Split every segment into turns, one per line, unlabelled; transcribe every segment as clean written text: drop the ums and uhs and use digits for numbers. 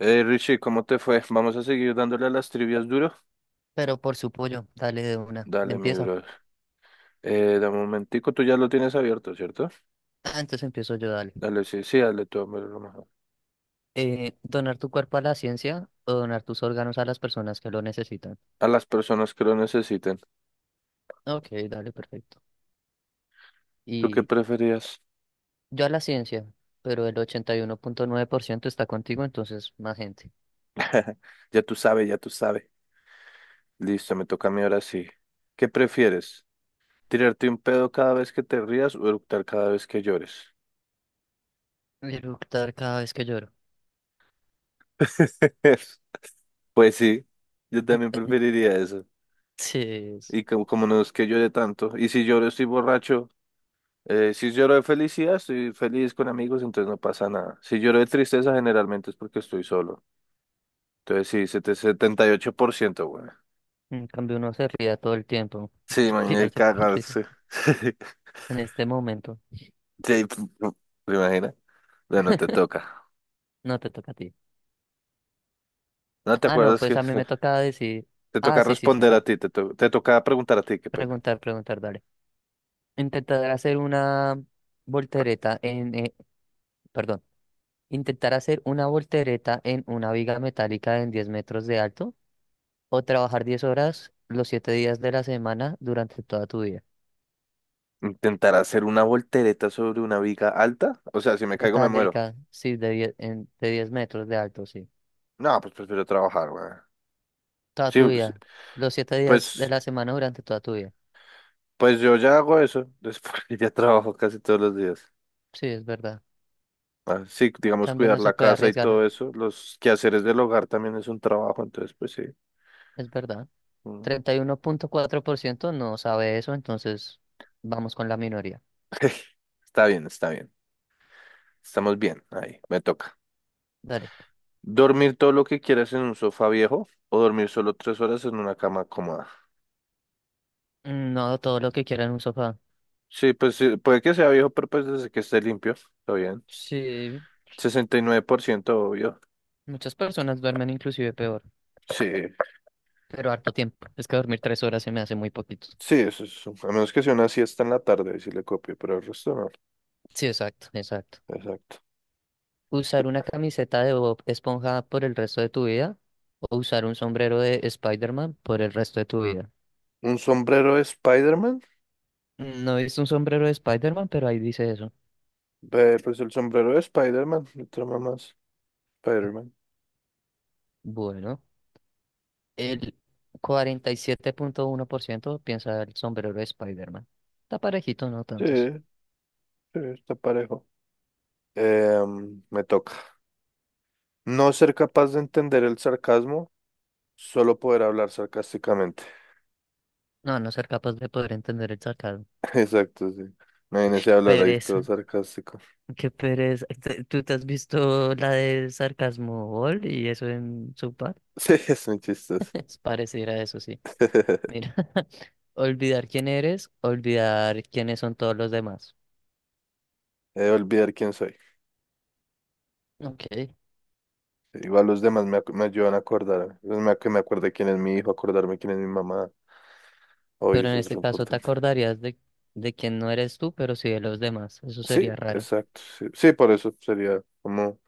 Richie, ¿cómo te fue? Vamos a seguir dándole a las trivias duro.
Pero por su pollo, dale de una.
Dale, mi
Empieza.
bro. De momentico, tú ya lo tienes abierto, ¿cierto?
Ah, entonces empiezo yo, dale.
Dale, sí, sí, dale tú, hombre, lo mejor.
Donar tu cuerpo a la ciencia o donar tus órganos a las personas que lo necesitan.
A las personas que lo necesiten.
Ok, dale, perfecto.
¿Tú qué
Y
preferías?
yo a la ciencia, pero el 81,9% está contigo, entonces más gente.
Ya tú sabes, ya tú sabes. Listo, me toca a mí ahora sí. ¿Qué prefieres? ¿Tirarte un pedo cada vez que te rías o eructar cada vez que llores?
Eructar cada vez que lloro.
Pues sí, yo también preferiría eso.
Sí, es-
Y como no es que llore tanto. Y si lloro estoy borracho. Si lloro de felicidad, estoy feliz con amigos, entonces no pasa nada. Si lloro de tristeza, generalmente es porque estoy solo. Entonces sí, 7- 78%, güey.
en cambio uno se ría todo el tiempo.
Sí, imagínate
Tirarse por el río.
cagarse.
En este momento,
Sí, ¿te imaginas? Bueno, te toca.
no te toca a ti.
¿No te
Ah, no,
acuerdas
pues
que
a mí me toca decir.
te
Ah,
toca
sí, sí, sí,
responder a
sí.
ti? Te toca preguntar a ti, qué pena.
Preguntar, preguntar, dale. Intentar hacer una voltereta perdón, intentar hacer una voltereta en una viga metálica en 10 metros de alto o trabajar 10 horas los 7 días de la semana durante toda tu vida.
¿Intentar hacer una voltereta sobre una viga alta? O sea, si me caigo me muero.
Metálica, sí, de 10 metros de alto, sí.
No, pues prefiero trabajar, güey.
Toda
Sí,
tu
sí,
vida. Los 7 días
pues,
de la semana durante toda tu vida.
pues yo ya hago eso. Después ya trabajo casi todos los días.
Sí, es verdad.
Ah, sí, digamos,
Cambio
cuidar
no se
la
puede
casa y
arriesgar,
todo eso. Los quehaceres del hogar también es un trabajo, entonces, pues sí.
es verdad.
uno-
31,4% no sabe eso, entonces vamos con la minoría.
Está bien, está bien. Estamos bien, ahí, me toca.
Dale.
¿Dormir todo lo que quieras en un sofá viejo o dormir solo tres horas en una cama cómoda?
No, todo lo que quiera en un sofá.
Sí, pues sí, puede que sea viejo, pero pues desde que esté limpio, está bien.
Sí,
69% obvio.
muchas personas duermen inclusive peor,
Sí,
pero harto tiempo. Es que dormir 3 horas se me hace muy poquito.
sí, eso es. A menos que sea una siesta en la tarde, si le copio, pero el resto no.
Sí, exacto, exacto.
Exacto.
¿Usar una camiseta de Bob Esponja por el resto de tu vida? ¿O usar un sombrero de Spider-Man por el resto de tu vida?
¿Un sombrero de Spider-Man?
No es un sombrero de Spider-Man, pero ahí dice eso.
Ve, pues el sombrero de Spider-Man, otra mamá. Spider-Man.
Bueno, el 47,1% piensa el sombrero de Spider-Man. Está parejito, no
Sí,
tantos.
sí, está parejo. Me toca. No ser capaz de entender el sarcasmo, solo poder hablar sarcásticamente.
No, a no ser capaz de poder entender el sacado.
Exacto, sí. Imagínese hablar ahí todo
Pereza.
sarcástico.
Qué pereza. ¿Tú te has visto la de Sarcasmo Ball y eso en su par?
Sí, es muy chistoso.
Es pareciera a eso, sí. Mira, olvidar quién eres, olvidar quiénes son todos los demás.
Olvidar quién soy.
Ok.
Igual los demás me ayudan a acordarme. Es más que me acuerde quién es mi hijo, acordarme quién es mi mamá. Oye,
Pero en
eso es
este
lo
caso te
importante.
acordarías de quién no eres tú, pero sí de los demás. Eso
Sí,
sería raro.
exacto. Sí, sí, por eso sería como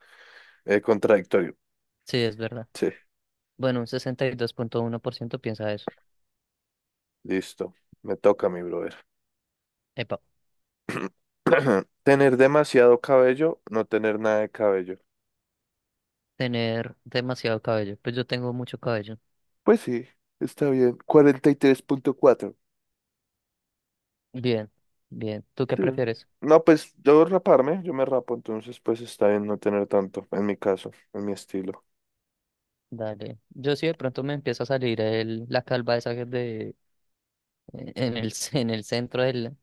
contradictorio.
Sí, es verdad.
Sí,
Bueno, un 62,1% piensa eso.
listo. Me toca, mi brother.
Epa,
Tener demasiado cabello, no tener nada de cabello.
tener demasiado cabello. Pues yo tengo mucho cabello.
Pues sí, está bien. 43,4.
Bien, bien. ¿Tú qué
Sí.
prefieres?
No, pues yo raparme, yo me rapo, entonces pues está bien no tener tanto, en mi caso, en mi estilo.
Dale. Yo sí de pronto me empieza a salir el, la calva esa que es de en el, en el centro del,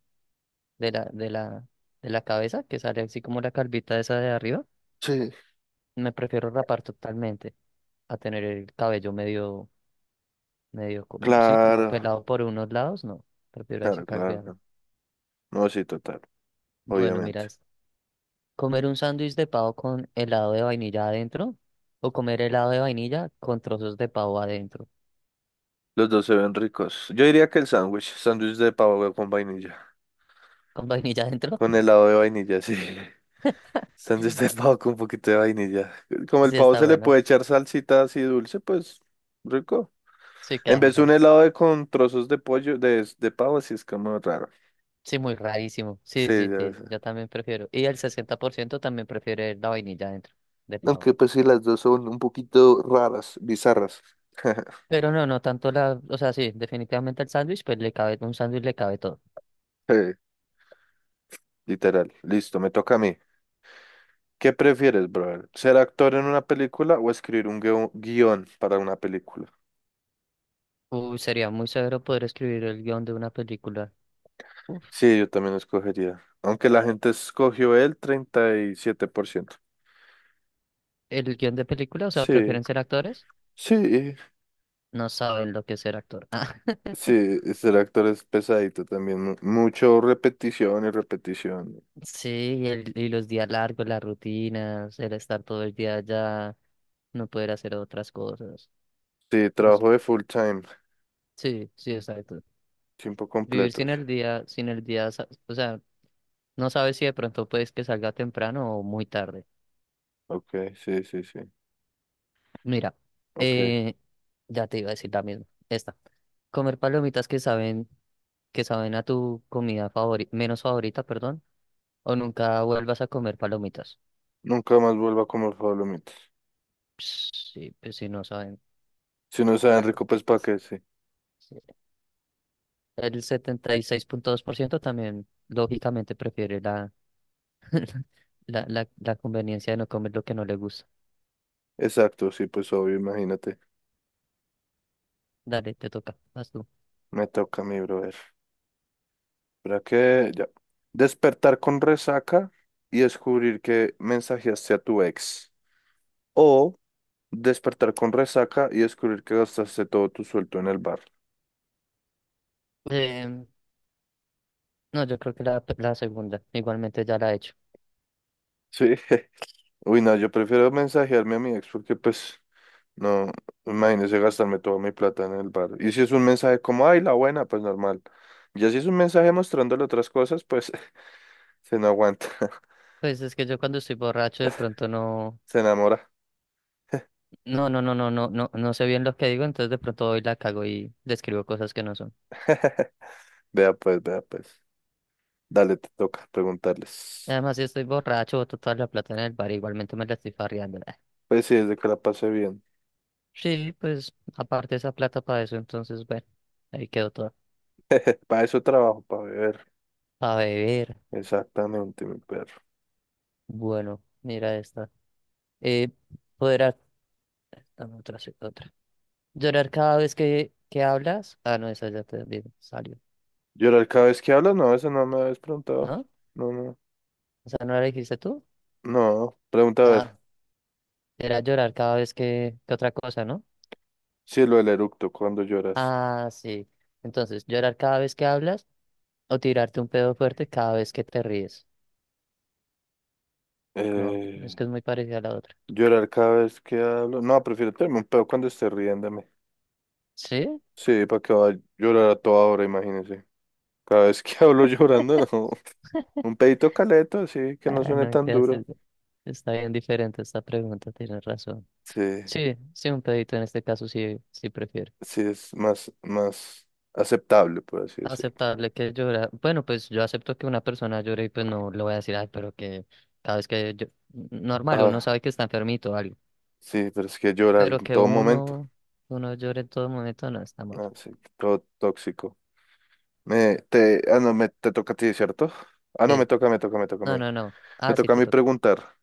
de la, de la, de la cabeza, que sale así como la calvita esa de arriba.
Sí,
Me prefiero rapar totalmente a tener el cabello medio, medio, sí, como
claro,
pelado por unos lados, no. Prefiero ahí sí
claro,
calvearlo.
claro. No, sí, total,
Bueno, mira,
obviamente.
es comer un sándwich de pavo con helado de vainilla adentro o comer helado de vainilla con trozos de pavo adentro.
Los dos se ven ricos. Yo diría que el sándwich de pavo con vainilla,
Con vainilla adentro,
con helado de vainilla, sí. Sándwich de pavo con un poquito de vainilla. Como el
sí
pavo
está
se le
bueno.
puede echar salsita así dulce, pues rico.
Sí
En
queda
vez de un
mejor.
helado de con trozos de pollo, de pavo, sí es como raro.
Sí, muy rarísimo.
Sí,
Sí, sí,
ya
sí, yo
sé.
también prefiero. Y el 60% también prefiere la vainilla dentro del pavo.
Aunque pues sí, las dos son un poquito raras, bizarras.
Pero no, no tanto la, o sea, sí, definitivamente el sándwich, pues le cabe, un sándwich le cabe todo.
Sí, literal. Listo, me toca a mí. ¿Qué prefieres, brother? ¿Ser actor en una película o escribir un guión para una película?
Uy, sería muy severo poder escribir el guión de una película. Uf,
Sí, yo también escogería. Aunque la gente escogió el 37%.
el guión de película, o sea,
Sí,
¿prefieren ser actores?
sí,
No saben lo que es ser actor. Ah,
sí, ser actor es pesadito también. Mucho repetición y repetición.
sí, y, el, y los días largos, las rutinas, el estar todo el día allá, no poder hacer otras cosas.
Sí,
No sé.
trabajo de full time.
Sí, sí, exacto.
Tiempo
Vivir sin
completos.
el día, sin el día, o sea, no sabes si de pronto puedes que salga temprano o muy tarde.
Ok, sí, sí, sí.
Mira,
Ok.
eh, ya te iba a decir la misma. Esta. Comer palomitas que saben a tu comida favorita, menos favorita, perdón, o nunca vuelvas a comer palomitas.
Nunca más vuelva a comer Pablomitas.
Sí, pues si no saben.
Si no
A
saben
la co-
rico, pues para qué, sí.
sí. El 76,2% también, lógicamente, prefiere la, la conveniencia de no comer lo que no le gusta.
Exacto, sí, pues obvio, imagínate.
Dale, te toca, vas tú.
Me toca a mí, brother. ¿Para qué? Ya. Despertar con resaca y descubrir que mensajeaste a tu ex. O despertar con resaca y descubrir que gastaste todo tu sueldo en el bar.
Em, no, yo creo que la segunda, igualmente ya la he hecho.
Sí. Uy, no, yo prefiero mensajearme a mi ex porque pues no, imagínese gastarme toda mi plata en el bar. Y si es un mensaje como, ay, la buena, pues normal. Ya si es un mensaje mostrándole otras cosas, pues se no aguanta,
Pues es que yo cuando estoy borracho de pronto no,
se enamora.
no, no, no, no, no, no, no sé bien lo que digo, entonces de pronto hoy la cago y describo cosas que no son.
Vea pues, vea pues. Dale, te toca preguntarles.
Y además, si estoy borracho, boto toda la plata en el bar, igualmente me la estoy farreando. Ah,
Pues sí, desde que la pasé bien.
sí, pues aparte esa plata para eso, entonces bueno, ahí quedó todo.
Para eso trabajo, para beber.
Para beber,
Exactamente, mi perro.
bueno, mira esta. Eh, poder, ac- ah, no, otra, sí, otra. Llorar cada vez que, hablas. Ah, no, esa ya salió,
¿Llorar cada vez que hablas? No, eso no me habías preguntado.
¿no?
No, no.
¿Esa no la dijiste tú?
No, pregunta a
Ah,
ver.
era llorar cada vez que, otra cosa, ¿no?
Sí, ¿lo del eructo, cuando lloras?
Ah, sí. Entonces, llorar cada vez que hablas o tirarte un pedo fuerte cada vez que te ríes. No, es
Eh...
que es muy parecida a la otra.
Llorar cada vez que hablo. No, prefiero tenerme un pedo cuando esté riéndome.
¿Sí?
Sí, para que vaya a llorar a toda hora, imagínese. Cada vez que hablo llorando, no. Un pedito caleto, así que no
Ah,
suene
no,
tan
mentiras,
duro.
está bien diferente esta pregunta, tienes razón.
Sí,
Sí, sí, un pedito en este caso sí, sí prefiero.
sí, es más, más aceptable, por así decirlo.
Aceptable que llora. Bueno, pues yo acepto que una persona llore y pues no le voy a decir, ay, pero que cada vez que yo... Normal, uno
Ah,
sabe que está enfermito o algo.
sí, pero es que llorar
Pero
en
que
todo momento.
uno, uno llore en todo momento no está mal.
Ah, sí, todo tóxico. Me, te, ah, no, me, te toca a ti, ¿cierto? Ah, no, me
Sí.
toca, me toca, me toca a
No,
mí.
no, no.
Me
Ah, sí,
toca a
te
mí
toca.
preguntar.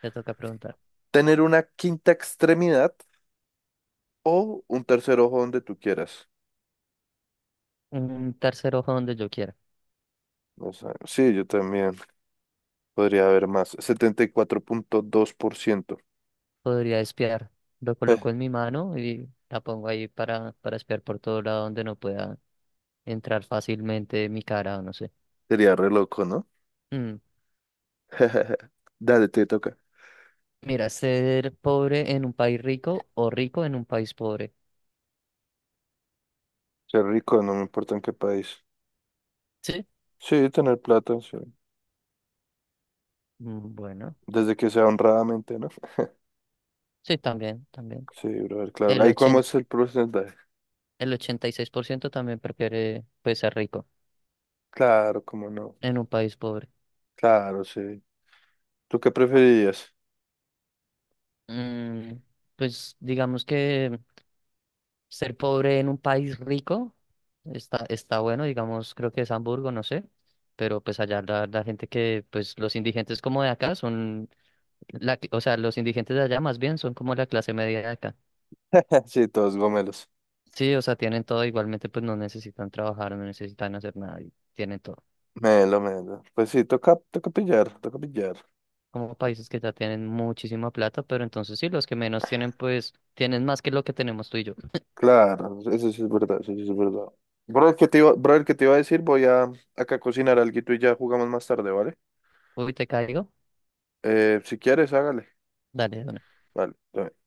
Te toca preguntar.
¿Tener una quinta extremidad o un tercer ojo donde tú quieras?
Un tercer ojo donde yo quiera.
O sea, sí, yo también podría haber más. 74,2%.
Podría espiar. Lo
Eh,
coloco en mi mano y la pongo ahí para espiar por todo lado donde no pueda entrar fácilmente mi cara o no sé.
Sería re loco, ¿no?
Mm,
Dale, te toca.
Mira, ser pobre en un país rico o rico en un país pobre.
Ser rico, no me importa en qué país.
Sí.
Sí, tener plata, sí.
Bueno,
Desde que sea honradamente, ¿no?
sí, también, también.
Sí, brother, claro.
El
Ahí cómo
80,
es el porcentaje.
el 86% también prefiere pues ser rico
Claro, cómo no.
en un país pobre.
Claro, sí. ¿Tú qué preferirías?
Mm, pues digamos que... Ser pobre en un país rico está, está bueno, digamos, creo que es Hamburgo, no sé, pero pues allá la, la gente que, pues los indigentes como de acá son, la, o sea, los indigentes de allá más bien son como la clase media de acá.
Sí, todos gomelos.
Sí, o sea, tienen todo, igualmente pues no necesitan trabajar, no necesitan hacer nada y tienen todo.
Melo, melo. Pues sí, toca, toca pillar, toca pillar.
Como países que ya tienen muchísima plata, pero entonces sí, los que menos tienen pues tienen más que lo que tenemos tú y yo.
Claro, eso sí es verdad, eso sí es verdad. Brother, ¿qué te iba, brother, ¿qué te iba a decir? Voy a acá a cocinar algo y ya jugamos más tarde, ¿vale?
Uy, te caigo.
Si quieres, hágale.
Dale, de una.
Vale. Está bien.